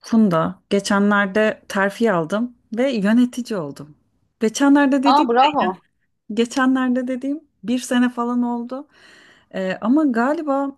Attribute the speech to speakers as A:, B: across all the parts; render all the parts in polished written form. A: Funda, geçenlerde terfi aldım ve yönetici oldum. Geçenlerde
B: Aa
A: dediğim
B: bravo.
A: de, geçenlerde dediğim bir sene falan oldu. Ama galiba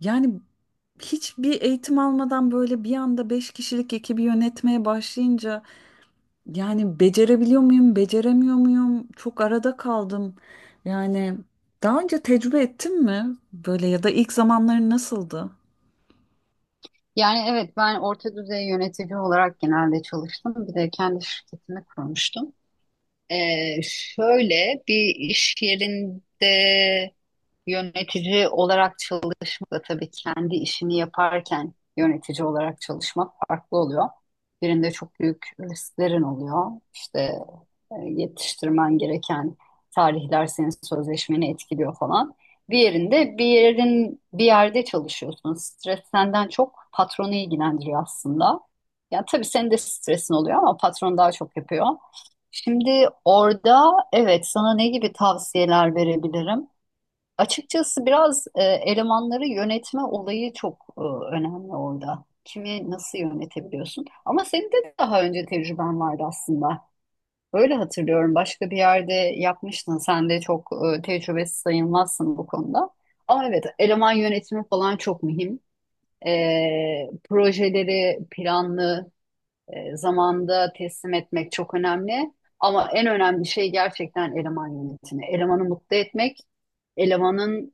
A: yani hiçbir eğitim almadan böyle bir anda beş kişilik ekibi yönetmeye başlayınca yani becerebiliyor muyum, beceremiyor muyum? Çok arada kaldım. Yani daha önce tecrübe ettin mi böyle ya da ilk zamanların nasıldı?
B: Yani evet ben orta düzey yönetici olarak genelde çalıştım. Bir de kendi şirketimi kurmuştum. Şöyle bir iş yerinde yönetici olarak çalışmak da tabii kendi işini yaparken yönetici olarak çalışmak farklı oluyor. Birinde çok büyük risklerin oluyor. İşte yetiştirmen gereken tarihler senin sözleşmeni etkiliyor falan. Diğerinde bir yerde çalışıyorsun. Stres senden çok patronu ilgilendiriyor aslında. Yani tabii senin de stresin oluyor ama patron daha çok yapıyor. Şimdi orada evet sana ne gibi tavsiyeler verebilirim? Açıkçası biraz elemanları yönetme olayı çok önemli orada. Kimi nasıl yönetebiliyorsun? Ama senin de daha önce tecrüben vardı aslında. Öyle hatırlıyorum. Başka bir yerde yapmıştın. Sen de çok tecrübesiz sayılmazsın bu konuda. Ama evet, eleman yönetimi falan çok mühim. Projeleri planlı, zamanda teslim etmek çok önemli. Ama en önemli şey gerçekten eleman yönetimi. Elemanı mutlu etmek, elemanın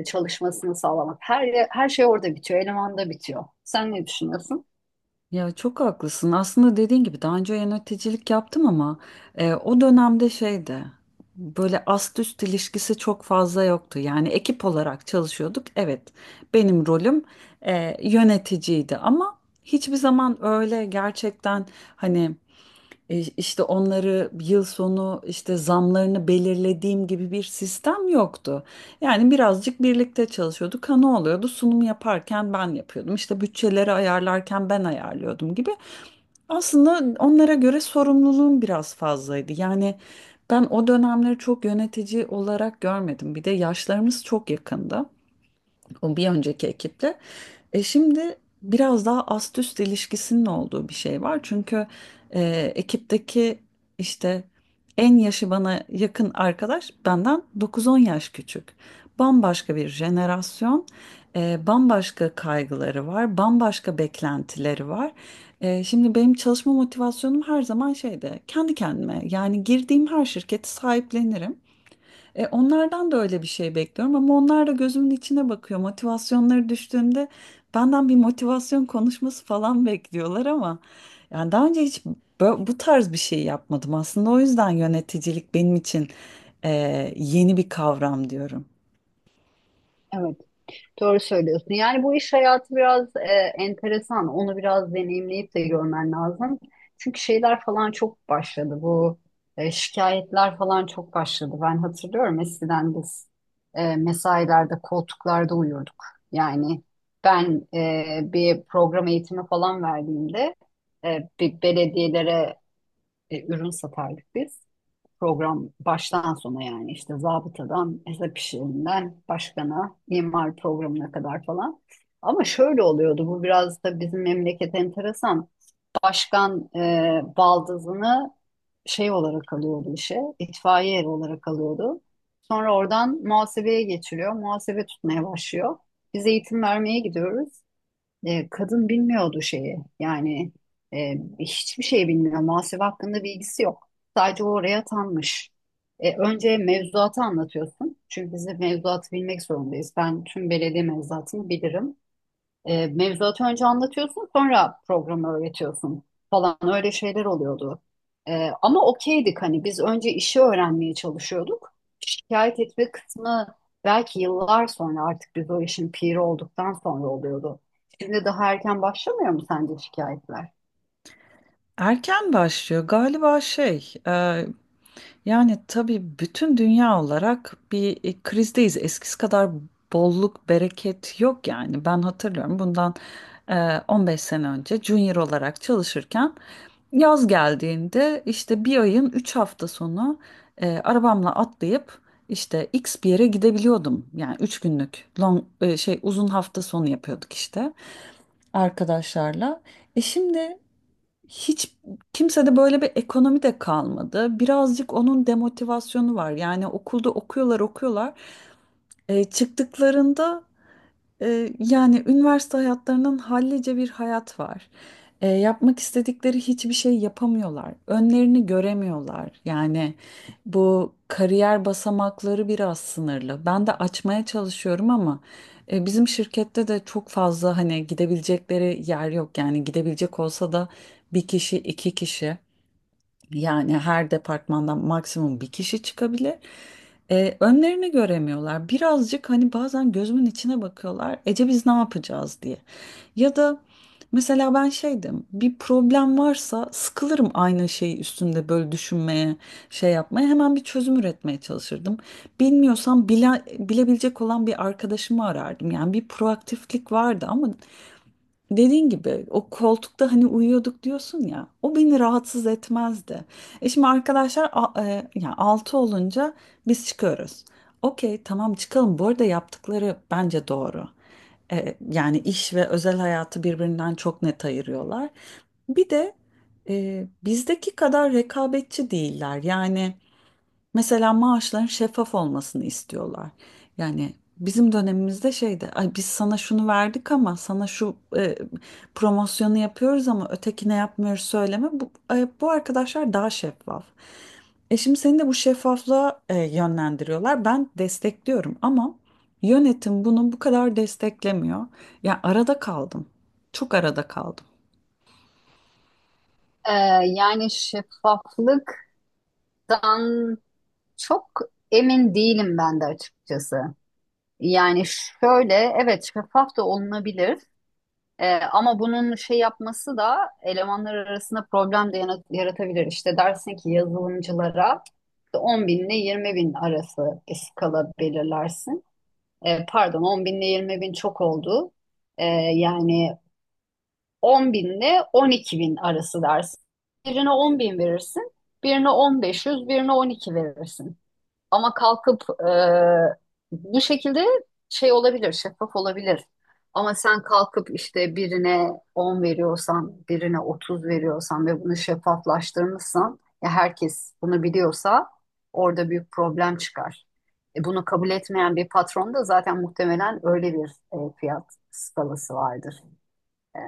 B: çalışmasını sağlamak. Her şey orada bitiyor, elemanda bitiyor. Sen ne düşünüyorsun?
A: Ya çok haklısın. Aslında dediğin gibi daha önce yöneticilik yaptım ama o dönemde şeydi. Böyle ast üst ilişkisi çok fazla yoktu. Yani ekip olarak çalışıyorduk. Evet, benim rolüm yöneticiydi ama hiçbir zaman öyle gerçekten hani e, İşte onları yıl sonu işte zamlarını belirlediğim gibi bir sistem yoktu. Yani birazcık birlikte çalışıyorduk. Ha ne oluyordu? Sunum yaparken ben yapıyordum. İşte bütçeleri ayarlarken ben ayarlıyordum gibi. Aslında onlara göre sorumluluğum biraz fazlaydı. Yani ben o dönemleri çok yönetici olarak görmedim. Bir de yaşlarımız çok yakındı. O bir önceki ekiple. E şimdi biraz daha ast üst ilişkisinin olduğu bir şey var. Çünkü e, ekipteki işte en yaşı bana yakın arkadaş benden dokuz on yaş küçük. Bambaşka bir jenerasyon, bambaşka kaygıları var, bambaşka beklentileri var. Şimdi benim çalışma motivasyonum her zaman şeyde kendi kendime, yani girdiğim her şirketi sahiplenirim. Onlardan da öyle bir şey bekliyorum ama onlar da gözümün içine bakıyor. Motivasyonları düştüğümde benden bir motivasyon konuşması falan bekliyorlar ama yani daha önce hiç bu tarz bir şey yapmadım aslında. O yüzden yöneticilik benim için e, yeni bir kavram diyorum.
B: Evet. Doğru söylüyorsun. Yani bu iş hayatı biraz enteresan. Onu biraz deneyimleyip de görmen lazım. Çünkü şeyler falan çok başladı. Bu şikayetler falan çok başladı. Ben hatırlıyorum eskiden biz mesailerde, koltuklarda uyurduk. Yani ben bir program eğitimi falan verdiğimde bir belediyelere ürün satardık biz. Program baştan sona yani işte zabıtadan hesap işlerinden başkana imar programına kadar falan. Ama şöyle oluyordu bu biraz da bizim memleket enteresan. Başkan baldızını şey olarak alıyordu işe, itfaiye eri olarak alıyordu. Sonra oradan muhasebeye geçiriyor, muhasebe tutmaya başlıyor. Biz eğitim vermeye gidiyoruz. Kadın bilmiyordu şeyi. Yani hiçbir şey bilmiyor. Muhasebe hakkında bilgisi yok. Sadece o oraya atanmış. Önce mevzuatı anlatıyorsun. Çünkü biz de mevzuatı bilmek zorundayız. Ben tüm belediye mevzuatını bilirim. Mevzuatı önce anlatıyorsun, sonra programı öğretiyorsun falan, öyle şeyler oluyordu. Ama okeydik, hani biz önce işi öğrenmeye çalışıyorduk. Şikayet etme kısmı belki yıllar sonra, artık biz o işin piri olduktan sonra oluyordu. Şimdi daha erken başlamıyor mu sence şikayetler?
A: Erken başlıyor galiba şey. Yani tabii bütün dünya olarak bir krizdeyiz. Eskisi kadar bolluk, bereket yok yani. Ben hatırlıyorum bundan 15 sene önce junior olarak çalışırken yaz geldiğinde işte bir ayın 3 hafta sonu arabamla atlayıp işte X bir yere gidebiliyordum. Yani 3 günlük long, e, şey uzun hafta sonu yapıyorduk işte arkadaşlarla. E şimdi hiç kimsede böyle bir ekonomi de kalmadı. Birazcık onun demotivasyonu var. Yani okulda okuyorlar. Çıktıklarında yani üniversite hayatlarının hallice bir hayat var. Yapmak istedikleri hiçbir şey yapamıyorlar. Önlerini göremiyorlar. Yani bu kariyer basamakları biraz sınırlı. Ben de açmaya çalışıyorum ama bizim şirkette de çok fazla hani gidebilecekleri yer yok. Yani gidebilecek olsa da bir kişi, iki kişi. Yani her departmandan maksimum bir kişi çıkabilir. Önlerini göremiyorlar. Birazcık hani bazen gözümün içine bakıyorlar. Ece biz ne yapacağız diye. Ya da mesela ben şeydim. Bir problem varsa sıkılırım aynı şeyi üstünde böyle düşünmeye, şey yapmaya. Hemen bir çözüm üretmeye çalışırdım. Bilmiyorsam bile, bilebilecek olan bir arkadaşımı arardım. Yani bir proaktiflik vardı ama dediğin gibi o koltukta hani uyuyorduk diyorsun ya, o beni rahatsız etmezdi. E şimdi arkadaşlar yani 6 olunca biz çıkıyoruz. Okey tamam çıkalım, bu arada yaptıkları bence doğru. Yani iş ve özel hayatı birbirinden çok net ayırıyorlar. Bir de bizdeki kadar rekabetçi değiller yani. Mesela maaşların şeffaf olmasını istiyorlar. Yani bizim dönemimizde şeydi, ay biz sana şunu verdik ama sana şu promosyonu yapıyoruz ama ötekine yapmıyoruz, söyleme. Bu arkadaşlar daha şeffaf. E şimdi seni de bu şeffaflığa yönlendiriyorlar. Ben destekliyorum ama yönetim bunu bu kadar desteklemiyor. Ya arada kaldım. Çok arada kaldım.
B: E, Yani şeffaflıktan çok emin değilim ben de açıkçası. Yani şöyle, evet şeffaf da olunabilir. Ama bunun şey yapması da elemanlar arasında problem de yaratabilir. İşte dersin ki yazılımcılara 10 bin ile 20 bin arası bir skala belirlersin. Pardon, 10 bin ile 20 bin çok oldu. Ee, Yani 10 bin ile 12 bin arası dersin. Birine 10 bin verirsin, birine 1.500, birine 12 verirsin. Ama kalkıp bu şekilde şey olabilir, şeffaf olabilir. Ama sen kalkıp işte birine 10 veriyorsan, birine 30 veriyorsan ve bunu şeffaflaştırmışsan, ya herkes bunu biliyorsa orada büyük problem çıkar. Bunu kabul etmeyen bir patron da zaten muhtemelen öyle bir fiyat skalası vardır. Ee,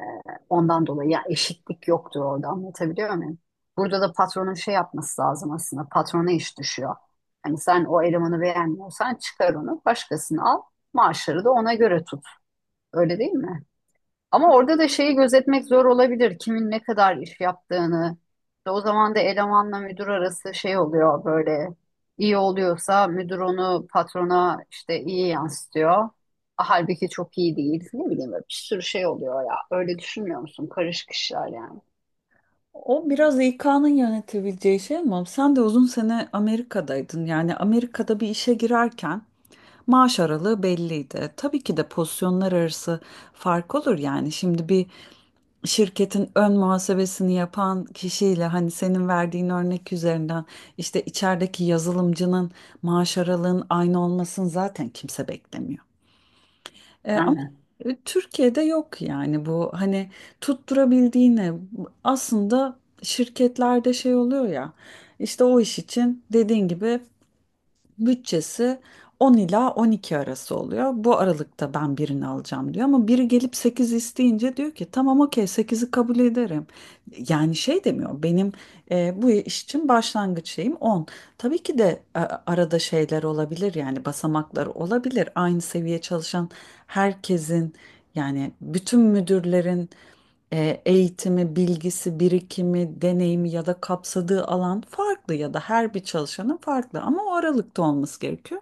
B: Ondan dolayı ya, eşitlik yoktur orada, anlatabiliyor muyum? Burada da patronun şey yapması lazım aslında. Patrona iş düşüyor. Hani sen o elemanı beğenmiyorsan çıkar onu, başkasını al. Maaşları da ona göre tut. Öyle değil mi? Ama orada da şeyi gözetmek zor olabilir, kimin ne kadar iş yaptığını. İşte o zaman da elemanla müdür arası şey oluyor böyle. İyi oluyorsa müdür onu patrona işte iyi yansıtıyor. Halbuki çok iyi değil. Ne bileyim, böyle bir sürü şey oluyor ya. Öyle düşünmüyor musun? Karışık işler yani.
A: O biraz İK'nın yönetebileceği şey ama sen de uzun sene Amerika'daydın. Yani Amerika'da bir işe girerken maaş aralığı belliydi. Tabii ki de pozisyonlar arası fark olur yani. Şimdi bir şirketin ön muhasebesini yapan kişiyle, hani senin verdiğin örnek üzerinden, işte içerideki yazılımcının maaş aralığın aynı olmasını zaten kimse beklemiyor. E, ama
B: Aynen.
A: e, Türkiye'de yok yani bu, hani tutturabildiğine. Aslında şirketlerde şey oluyor ya, işte o iş için dediğin gibi bütçesi 10 ila 12 arası oluyor. Bu aralıkta ben birini alacağım diyor ama biri gelip 8 isteyince diyor ki tamam okey sekizi kabul ederim. Yani şey demiyor: benim bu iş için başlangıç şeyim 10. Tabii ki de arada şeyler olabilir, yani basamaklar olabilir. Aynı seviye çalışan herkesin, yani bütün müdürlerin eğitimi, bilgisi, birikimi, deneyimi ya da kapsadığı alan farklı, ya da her bir çalışanın farklı ama o aralıkta olması gerekiyor.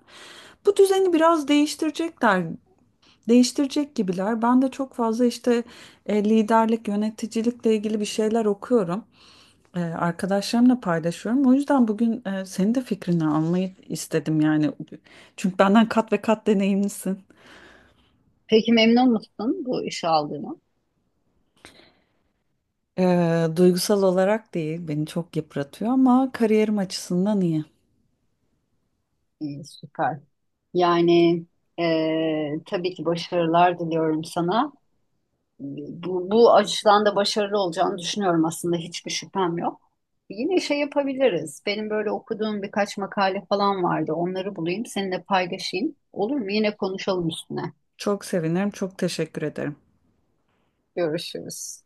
A: Bu düzeni biraz değiştirecekler, değiştirecek gibiler. Ben de çok fazla işte liderlik, yöneticilikle ilgili bir şeyler okuyorum. Arkadaşlarımla paylaşıyorum. O yüzden bugün senin de fikrini almayı istedim yani. Çünkü benden kat ve kat deneyimlisin.
B: Peki, memnun musun bu işe aldığına?
A: Duygusal olarak değil, beni çok yıpratıyor ama kariyerim açısından iyi.
B: İyi, süper. Yani tabii ki başarılar diliyorum sana. Bu açıdan da başarılı olacağını düşünüyorum, aslında hiçbir şüphem yok. Yine şey yapabiliriz. Benim böyle okuduğum birkaç makale falan vardı. Onları bulayım, seninle paylaşayım. Olur mu? Yine konuşalım üstüne.
A: Çok sevinirim. Çok teşekkür ederim.
B: Görüşürüz.